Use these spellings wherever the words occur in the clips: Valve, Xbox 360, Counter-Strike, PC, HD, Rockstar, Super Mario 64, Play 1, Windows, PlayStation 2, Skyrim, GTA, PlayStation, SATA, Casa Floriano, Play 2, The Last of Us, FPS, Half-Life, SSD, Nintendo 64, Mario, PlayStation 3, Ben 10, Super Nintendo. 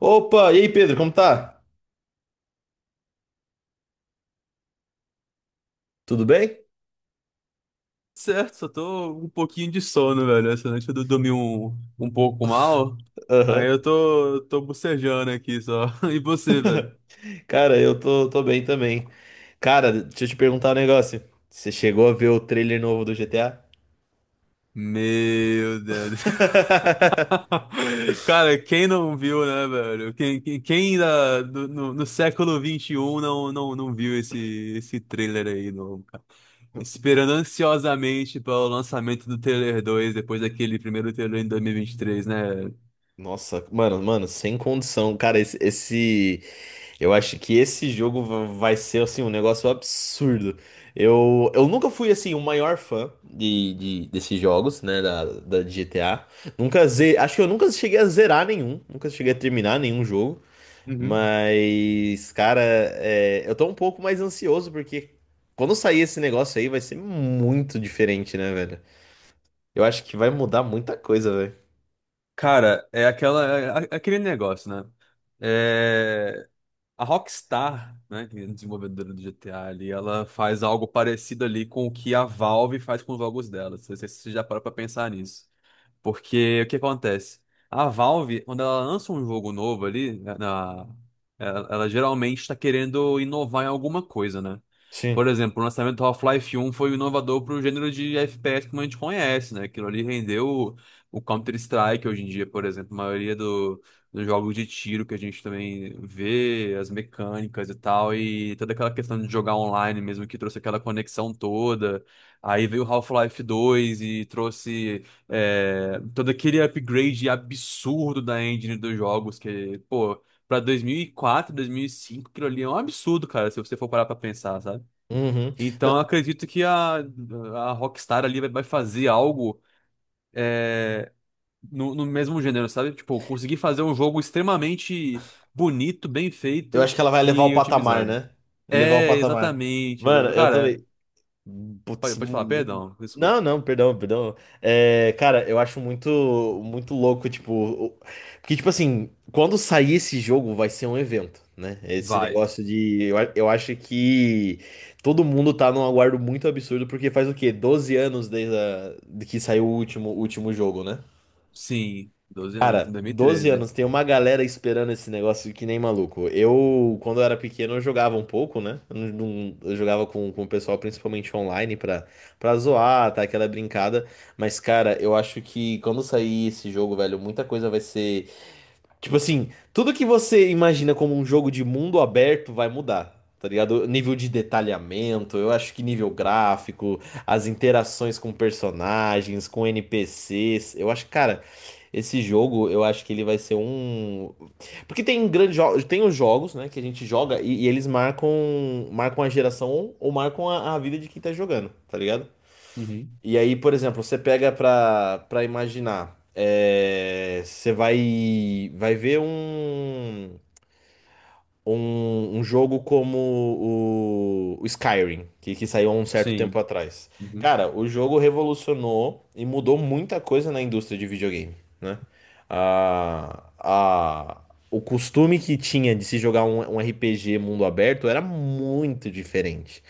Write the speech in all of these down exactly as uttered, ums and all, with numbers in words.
Opa, e aí Pedro, como tá? Tudo bem? Certo, só tô um pouquinho de sono, velho. Essa noite eu dormi um, um pouco mal. Aí Aham. eu tô, tô bocejando aqui só. E você, velho? Cara, eu tô, tô bem também. Cara, deixa eu te perguntar um negócio. Você chegou a ver o trailer novo do G T A? Meu Deus. Cara, quem não viu, né, velho? Quem, quem, quem ainda no, no, no século vinte e um não, não, não viu esse, esse trailer aí, não, cara? Esperando ansiosamente para o lançamento do trailer dois depois daquele primeiro trailer em dois mil e vinte e três, né? Nossa, mano, mano, sem condição. Cara, esse, esse- Eu acho que esse jogo va- vai ser, assim, um negócio absurdo. Eu, eu nunca fui, assim, o maior fã de, de- desses jogos, né, da, da de G T A. Nunca ze... Acho que eu nunca cheguei a zerar nenhum. Nunca cheguei a terminar nenhum jogo. Uhum. Mas, cara, é, eu tô um pouco mais ansioso porque quando sair esse negócio aí vai ser muito diferente, né, velho? Eu acho que vai mudar muita coisa, velho. Cara, é aquela, é é, é aquele negócio, né? É, a Rockstar, né, que é a desenvolvedora do G T A ali, ela faz algo parecido ali com o que a Valve faz com os jogos dela. Não sei se você já parou pra pensar nisso. Porque o que acontece? A Valve, quando ela lança um jogo novo ali, na, na- ela, ela geralmente está querendo inovar em alguma coisa, né? Por Sim. exemplo, o lançamento do Half-Life um foi inovador para o gênero de F P S como a gente conhece, né? Aquilo ali rendeu o, o Counter-Strike hoje em dia, por exemplo. A maioria do, dos jogos de tiro que a gente também vê, as mecânicas e tal, e toda aquela questão de jogar online mesmo, que trouxe aquela conexão toda. Aí veio o Half-Life dois e trouxe. É, todo aquele upgrade absurdo da engine dos jogos, que, pô, pra dois mil e quatro, dois mil e cinco, aquilo ali é um absurdo, cara, se você for parar pra pensar, sabe? Uhum. Então, eu Não, acredito que a, a Rockstar ali vai vai fazer algo, é, no, no mesmo gênero, sabe? Tipo, conseguir fazer um jogo extremamente bonito, bem eu feito acho que ela vai levar o e patamar, otimizado. né? Levar o É, patamar. exatamente. Mano, exa- eu Cara, também. pode, Putz, pode falar, mu- perdão, não, desculpa. não, perdão, perdão. É, cara, eu acho muito, muito louco, tipo, o- porque, tipo assim, quando sair esse jogo vai ser um evento, né? Esse Vai. negócio de, eu, a- eu acho que todo mundo tá num aguardo muito absurdo, porque faz o quê? Doze anos desde a- de que saiu o último, o último jogo, né? Sim, doze anos, Cara, em doze dois mil e treze. anos, tem uma galera esperando esse negócio que nem maluco. Eu, quando eu era pequeno, eu jogava um pouco, né? Eu, não- não- eu jogava com, com o pessoal, principalmente online, pra, pra zoar, tá? Aquela brincada. Mas, cara, eu acho que quando sair esse jogo, velho, muita coisa vai ser. Tipo assim, tudo que você imagina como um jogo de mundo aberto vai mudar, tá ligado? Nível de detalhamento, eu acho que nível gráfico, as interações com personagens, com N P Cs, eu acho, cara, esse jogo, eu acho que ele vai ser um. Porque tem grandes jogos, tem os jogos, né, que a gente joga e, e eles marcam, marcam a geração ou marcam a, a vida de quem tá jogando, tá ligado? E aí, por exemplo, você pega pra, pra imaginar, é, você vai, vai ver um, um, um jogo como o, o Skyrim, que, que saiu há um certo tempo Sim. atrás. Uhum. Cara, o jogo revolucionou e mudou muita coisa na indústria de videogame, né? A, a, o costume que tinha de se jogar um, um R P G mundo aberto era muito diferente.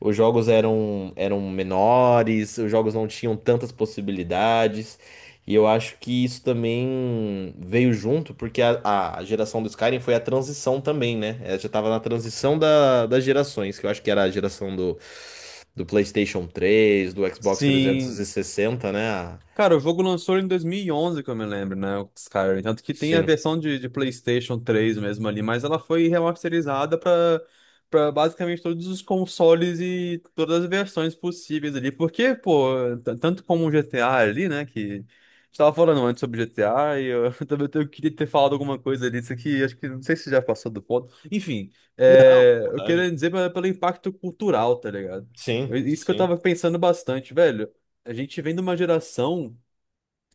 Os jogos eram, eram menores, os jogos não tinham tantas possibilidades. E eu acho que isso também veio junto, porque a, a a geração do Skyrim foi a transição também, né? Ela já tava na transição da, das gerações, que eu acho que era a geração do, do PlayStation três, do Xbox Sim. trezentos e sessenta, né? A- Cara, o jogo lançou em dois mil e onze, que eu me lembro, né? O Skyrim. Tanto que tem a Sim. versão de, de PlayStation três mesmo ali, mas ela foi remasterizada pra, pra basicamente todos os consoles e todas as versões possíveis ali. Porque, pô, t- tanto como o G T A ali, né? Que a gente tava falando antes sobre G T A e eu também eu queria ter falado alguma coisa disso aqui. Acho que não sei se já passou do ponto. Enfim, Não, é, eu vontade. queria dizer pela- pelo impacto cultural, tá ligado? Eu- Sim, Isso que eu sim, tava pensando bastante, velho. A gente vem de uma geração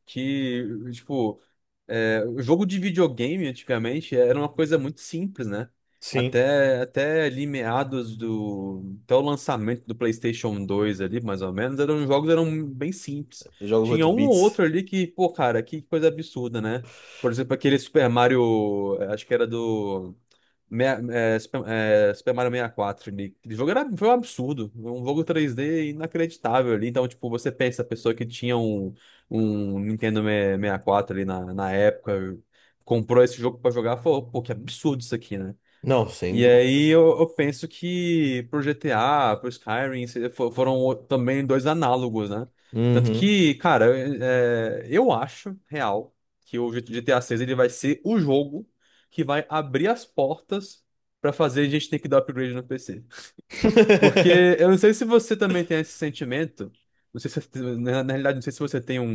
que, tipo, é, o jogo de videogame antigamente era uma coisa muito simples, né? sim. Até, até ali meados do, até o lançamento do PlayStation dois ali, mais ou menos, eram os jogos eram bem simples. Jogos Tinha oito um ou bits. outro ali que, pô, cara, que coisa absurda, né? Por exemplo, aquele Super Mario, eh, acho que era do, mea- eh, Super, eh, Super Mario sessenta e quatro ali. Aquele jogo era, foi um absurdo. Um jogo três d inacreditável ali. Então, tipo, você pensa, a pessoa que tinha um um Nintendo sessenta e quatro ali na, na época, comprou esse jogo pra jogar, falou, pô, que absurdo isso aqui, né? Não, sem E dúvida. aí eu, eu penso que pro G T A, pro Skyrim, se- fo- foram o- também dois análogos, né? Tanto Uhum. que, cara, é, eu acho real que o G T A seis ele vai ser o jogo que vai abrir as portas pra fazer a gente ter que dar upgrade no P C. Porque eu não sei se você também tem esse sentimento. Não sei se, na, na realidade, não sei se você tem um,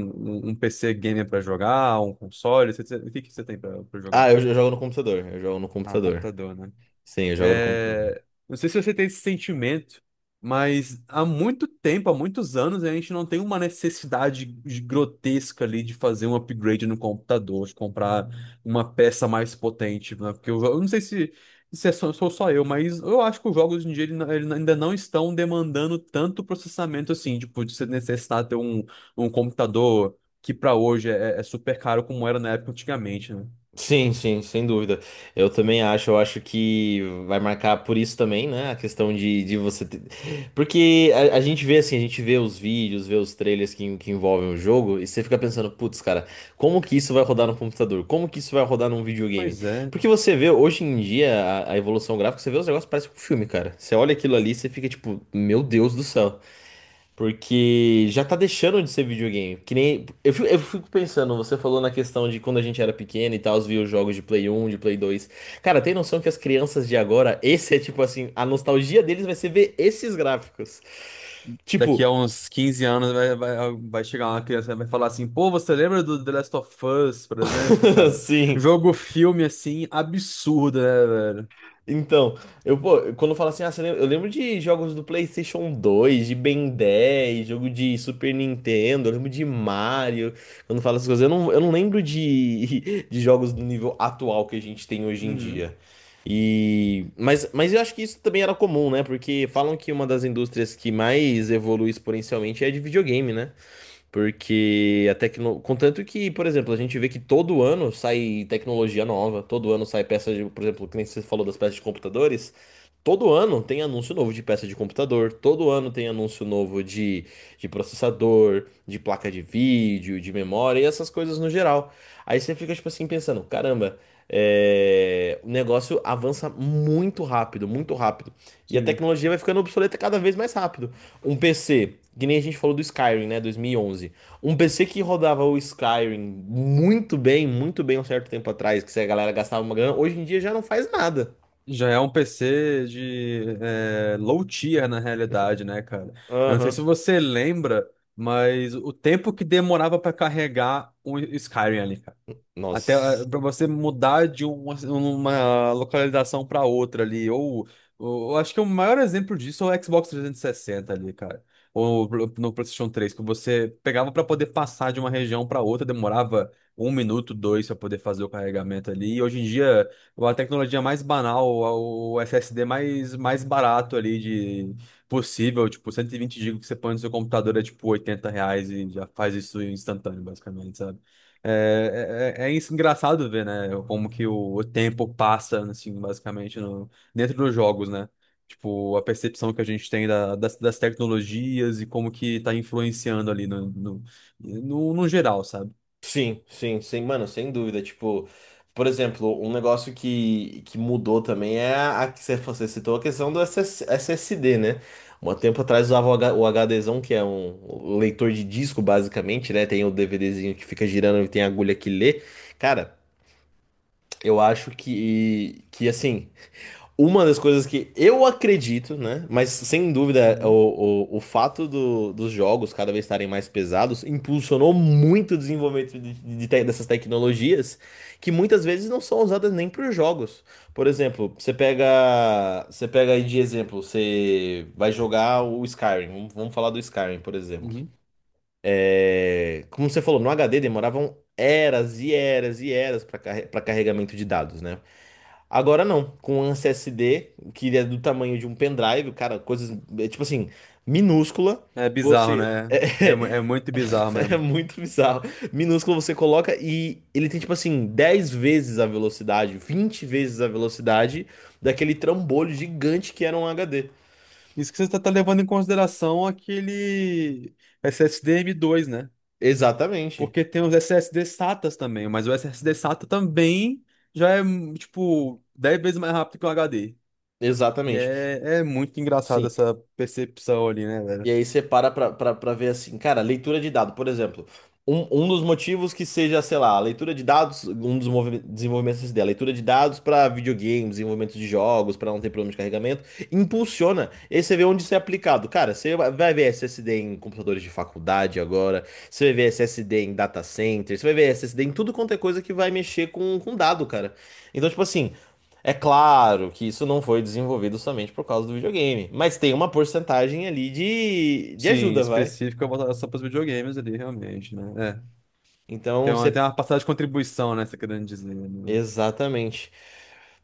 um, um P C gamer pra jogar, um console. você- você- O que que você tem pra pra jogar? Ah, eu, eu jogo no computador. Eu jogo no Ah, computador. computador, Sim, eu jogo no computador. é, não sei se você tem esse sentimento, mas há muito tempo, há muitos anos, a gente não tem uma necessidade de- grotesca ali de fazer um upgrade no computador, de comprar uma peça mais potente, né? Porque eu, eu não sei se, se é só, sou só eu, mas eu acho que os jogos hoje em dia ele não- ele ainda não estão demandando tanto processamento assim, tipo, de você necessitar ter um, um computador que para hoje é, é super caro como era na época antigamente, né? Sim, sim, sem dúvida. Eu também acho, eu acho que vai marcar por isso também, né? A questão de, de você ter... Porque a, a gente vê assim, a gente vê os vídeos, vê os trailers que, que envolvem o jogo, e você fica pensando, putz, cara, como que isso vai rodar no computador? Como que isso vai rodar num videogame? Pois é. Porque você vê hoje em dia a, a evolução gráfica, você vê os negócios, parece um filme, cara. Você olha aquilo ali, você fica tipo, meu Deus do céu. Porque já tá deixando de ser videogame. Que nem. Eu fico, eu fico pensando, você falou na questão de quando a gente era pequeno e tal, os via os jogos de Play um, de Play dois. Cara, tem noção que as crianças de agora, esse é tipo assim, a nostalgia deles vai ser ver esses gráficos. Daqui Tipo, a uns quinze anos vai, vai, vai chegar uma criança e vai falar assim: pô, você lembra do The Last of Us, por exemplo, cara? sim. Jogo filme assim, absurdo, né, velho? Então, eu, pô, quando fala assim, ah, você lembra- eu lembro de jogos do PlayStation dois, de Ben dez, jogo de Super Nintendo, eu lembro de Mario. Quando fala essas coisas, eu não, eu não lembro de, de jogos do nível atual que a gente tem hoje em dia. Uhum, E, mas, mas eu acho que isso também era comum, né? Porque falam que uma das indústrias que mais evolui exponencialmente é a de videogame, né? Porque a tecno... Contanto que, por exemplo, a gente vê que todo ano sai tecnologia nova, todo ano sai peça de, por exemplo, que nem você falou das peças de computadores, todo ano tem anúncio novo de peça de computador, todo ano tem anúncio novo de, de processador, de placa de vídeo, de memória e essas coisas no geral. Aí você fica, tipo assim, pensando, caramba, é, o negócio avança muito rápido, muito rápido. E a sim. tecnologia vai ficando obsoleta cada vez mais rápido. Um P C, que nem a gente falou do Skyrim, né, dois mil e onze. Um P C que rodava o Skyrim muito bem, muito bem um certo tempo atrás, que se a galera gastava uma grana, hoje em dia já não faz nada. Já é um P C de é, low tier na realidade, né, cara? Eu não sei Aham. se você lembra, mas o tempo que demorava pra carregar o Skyrim ali, até Nossa. para você mudar de uma, uma localização para outra ali. Ou, ou- eu acho que o maior exemplo disso é o Xbox trezentos e sessenta ali, cara. Ou pro- no PlayStation três, que você pegava para poder passar de uma região para outra, demorava um minuto, dois para poder fazer o carregamento ali. E hoje em dia, a tecnologia mais banal, o S S D mais, mais barato ali de possível, tipo cento e vinte gigas que você põe no seu computador é tipo oitenta reais e já faz isso instantâneo, basicamente. É, é, é é isso engraçado ver, né? Como que o, o tempo passa, assim, basicamente, no, dentro dos jogos, né? Tipo, a percepção que a gente tem da- das, das tecnologias e como que tá influenciando ali no, no, no, no geral, sabe? Sim, sim, sim, mano, sem dúvida. Tipo, por exemplo, um negócio que, que mudou também é a a que você você citou a questão do S S S S D, né? Um tempo atrás usava o H- o HDzão, que é um um leitor de disco, basicamente, né? Tem o DVDzinho que fica girando e tem a agulha que lê. Cara, eu acho que, que, assim, uma das coisas que eu acredito, né? Mas sem dúvida, Uhum, o, o, o fato do- dos jogos cada vez estarem mais pesados impulsionou muito o desenvolvimento de- de te- dessas tecnologias que muitas vezes não são usadas nem para os jogos. Por exemplo, você pega, você pega aí de exemplo, você vai jogar o Skyrim, vamos vamos falar do Skyrim, por exemplo. uhum. É, como você falou, no H D demoravam eras e eras e eras para carregamento de dados, né? Agora não, com um S S D, que é do tamanho de um pendrive, cara, coisas, é, tipo assim, minúscula, É bizarro, você. né? É, mu- é muito bizarro É, é mesmo. muito bizarro. Minúscula você coloca e ele tem, tipo assim, dez vezes a velocidade, vinte vezes a velocidade daquele trambolho gigante que era um H D. Isso que você tá, tá levando em consideração aquele S S D m dois, né? Exatamente, Porque tem os SSD SATAs também, mas o S S D SATA também já é, tipo, dez vezes mais rápido que o H D. E exatamente. é, é muito engraçado Sim, essa percepção ali, né, e velho? aí você para pra, pra, pra ver assim, cara, leitura de dado, por exemplo. Um, um dos motivos que seja, sei lá, a leitura de dados, um dos movi- desenvolvimentos dessa ideia, a leitura de dados para videogames, desenvolvimento de jogos, para não ter problema de carregamento, impulsiona. E aí você vê onde isso é aplicado. Cara, você vai vai ver S S D em computadores de faculdade agora, você vai ver S S D em data center, você vai ver S S D em tudo quanto é coisa que vai mexer com, com dado, cara. Então, tipo assim. É claro que isso não foi desenvolvido somente por causa do videogame, mas tem uma porcentagem ali de, de Sim, ajuda, vai. específica voltada só para os videogames ali, realmente, né? É. Tem Então uma, você. tem uma passagem de contribuição, né, você querendo dizer, né? Exatamente.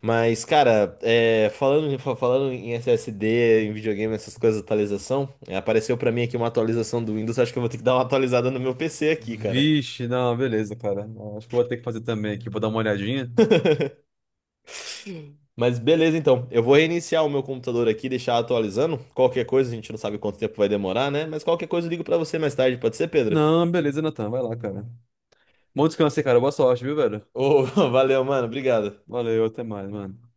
Mas, cara, é, falando, em- fa- falando em S S D, em videogame, essas coisas, atualização, é, apareceu pra mim aqui uma atualização do Windows, acho que eu vou ter que dar uma atualizada no meu P C aqui, cara. Vixe, não, beleza, cara. Acho que eu vou ter que fazer também aqui, vou dar uma olhadinha. Mas beleza, então. Eu vou reiniciar o meu computador aqui, deixar atualizando. Qualquer coisa, a gente não sabe quanto tempo vai demorar, né? Mas qualquer coisa eu ligo pra você mais tarde, pode ser, Pedro? Não, beleza, Natan, vai lá, cara. Bom descanso aí, cara. Boa sorte, viu, velho? Ô, valeu, mano, obrigado. Valeu, até mais, mano.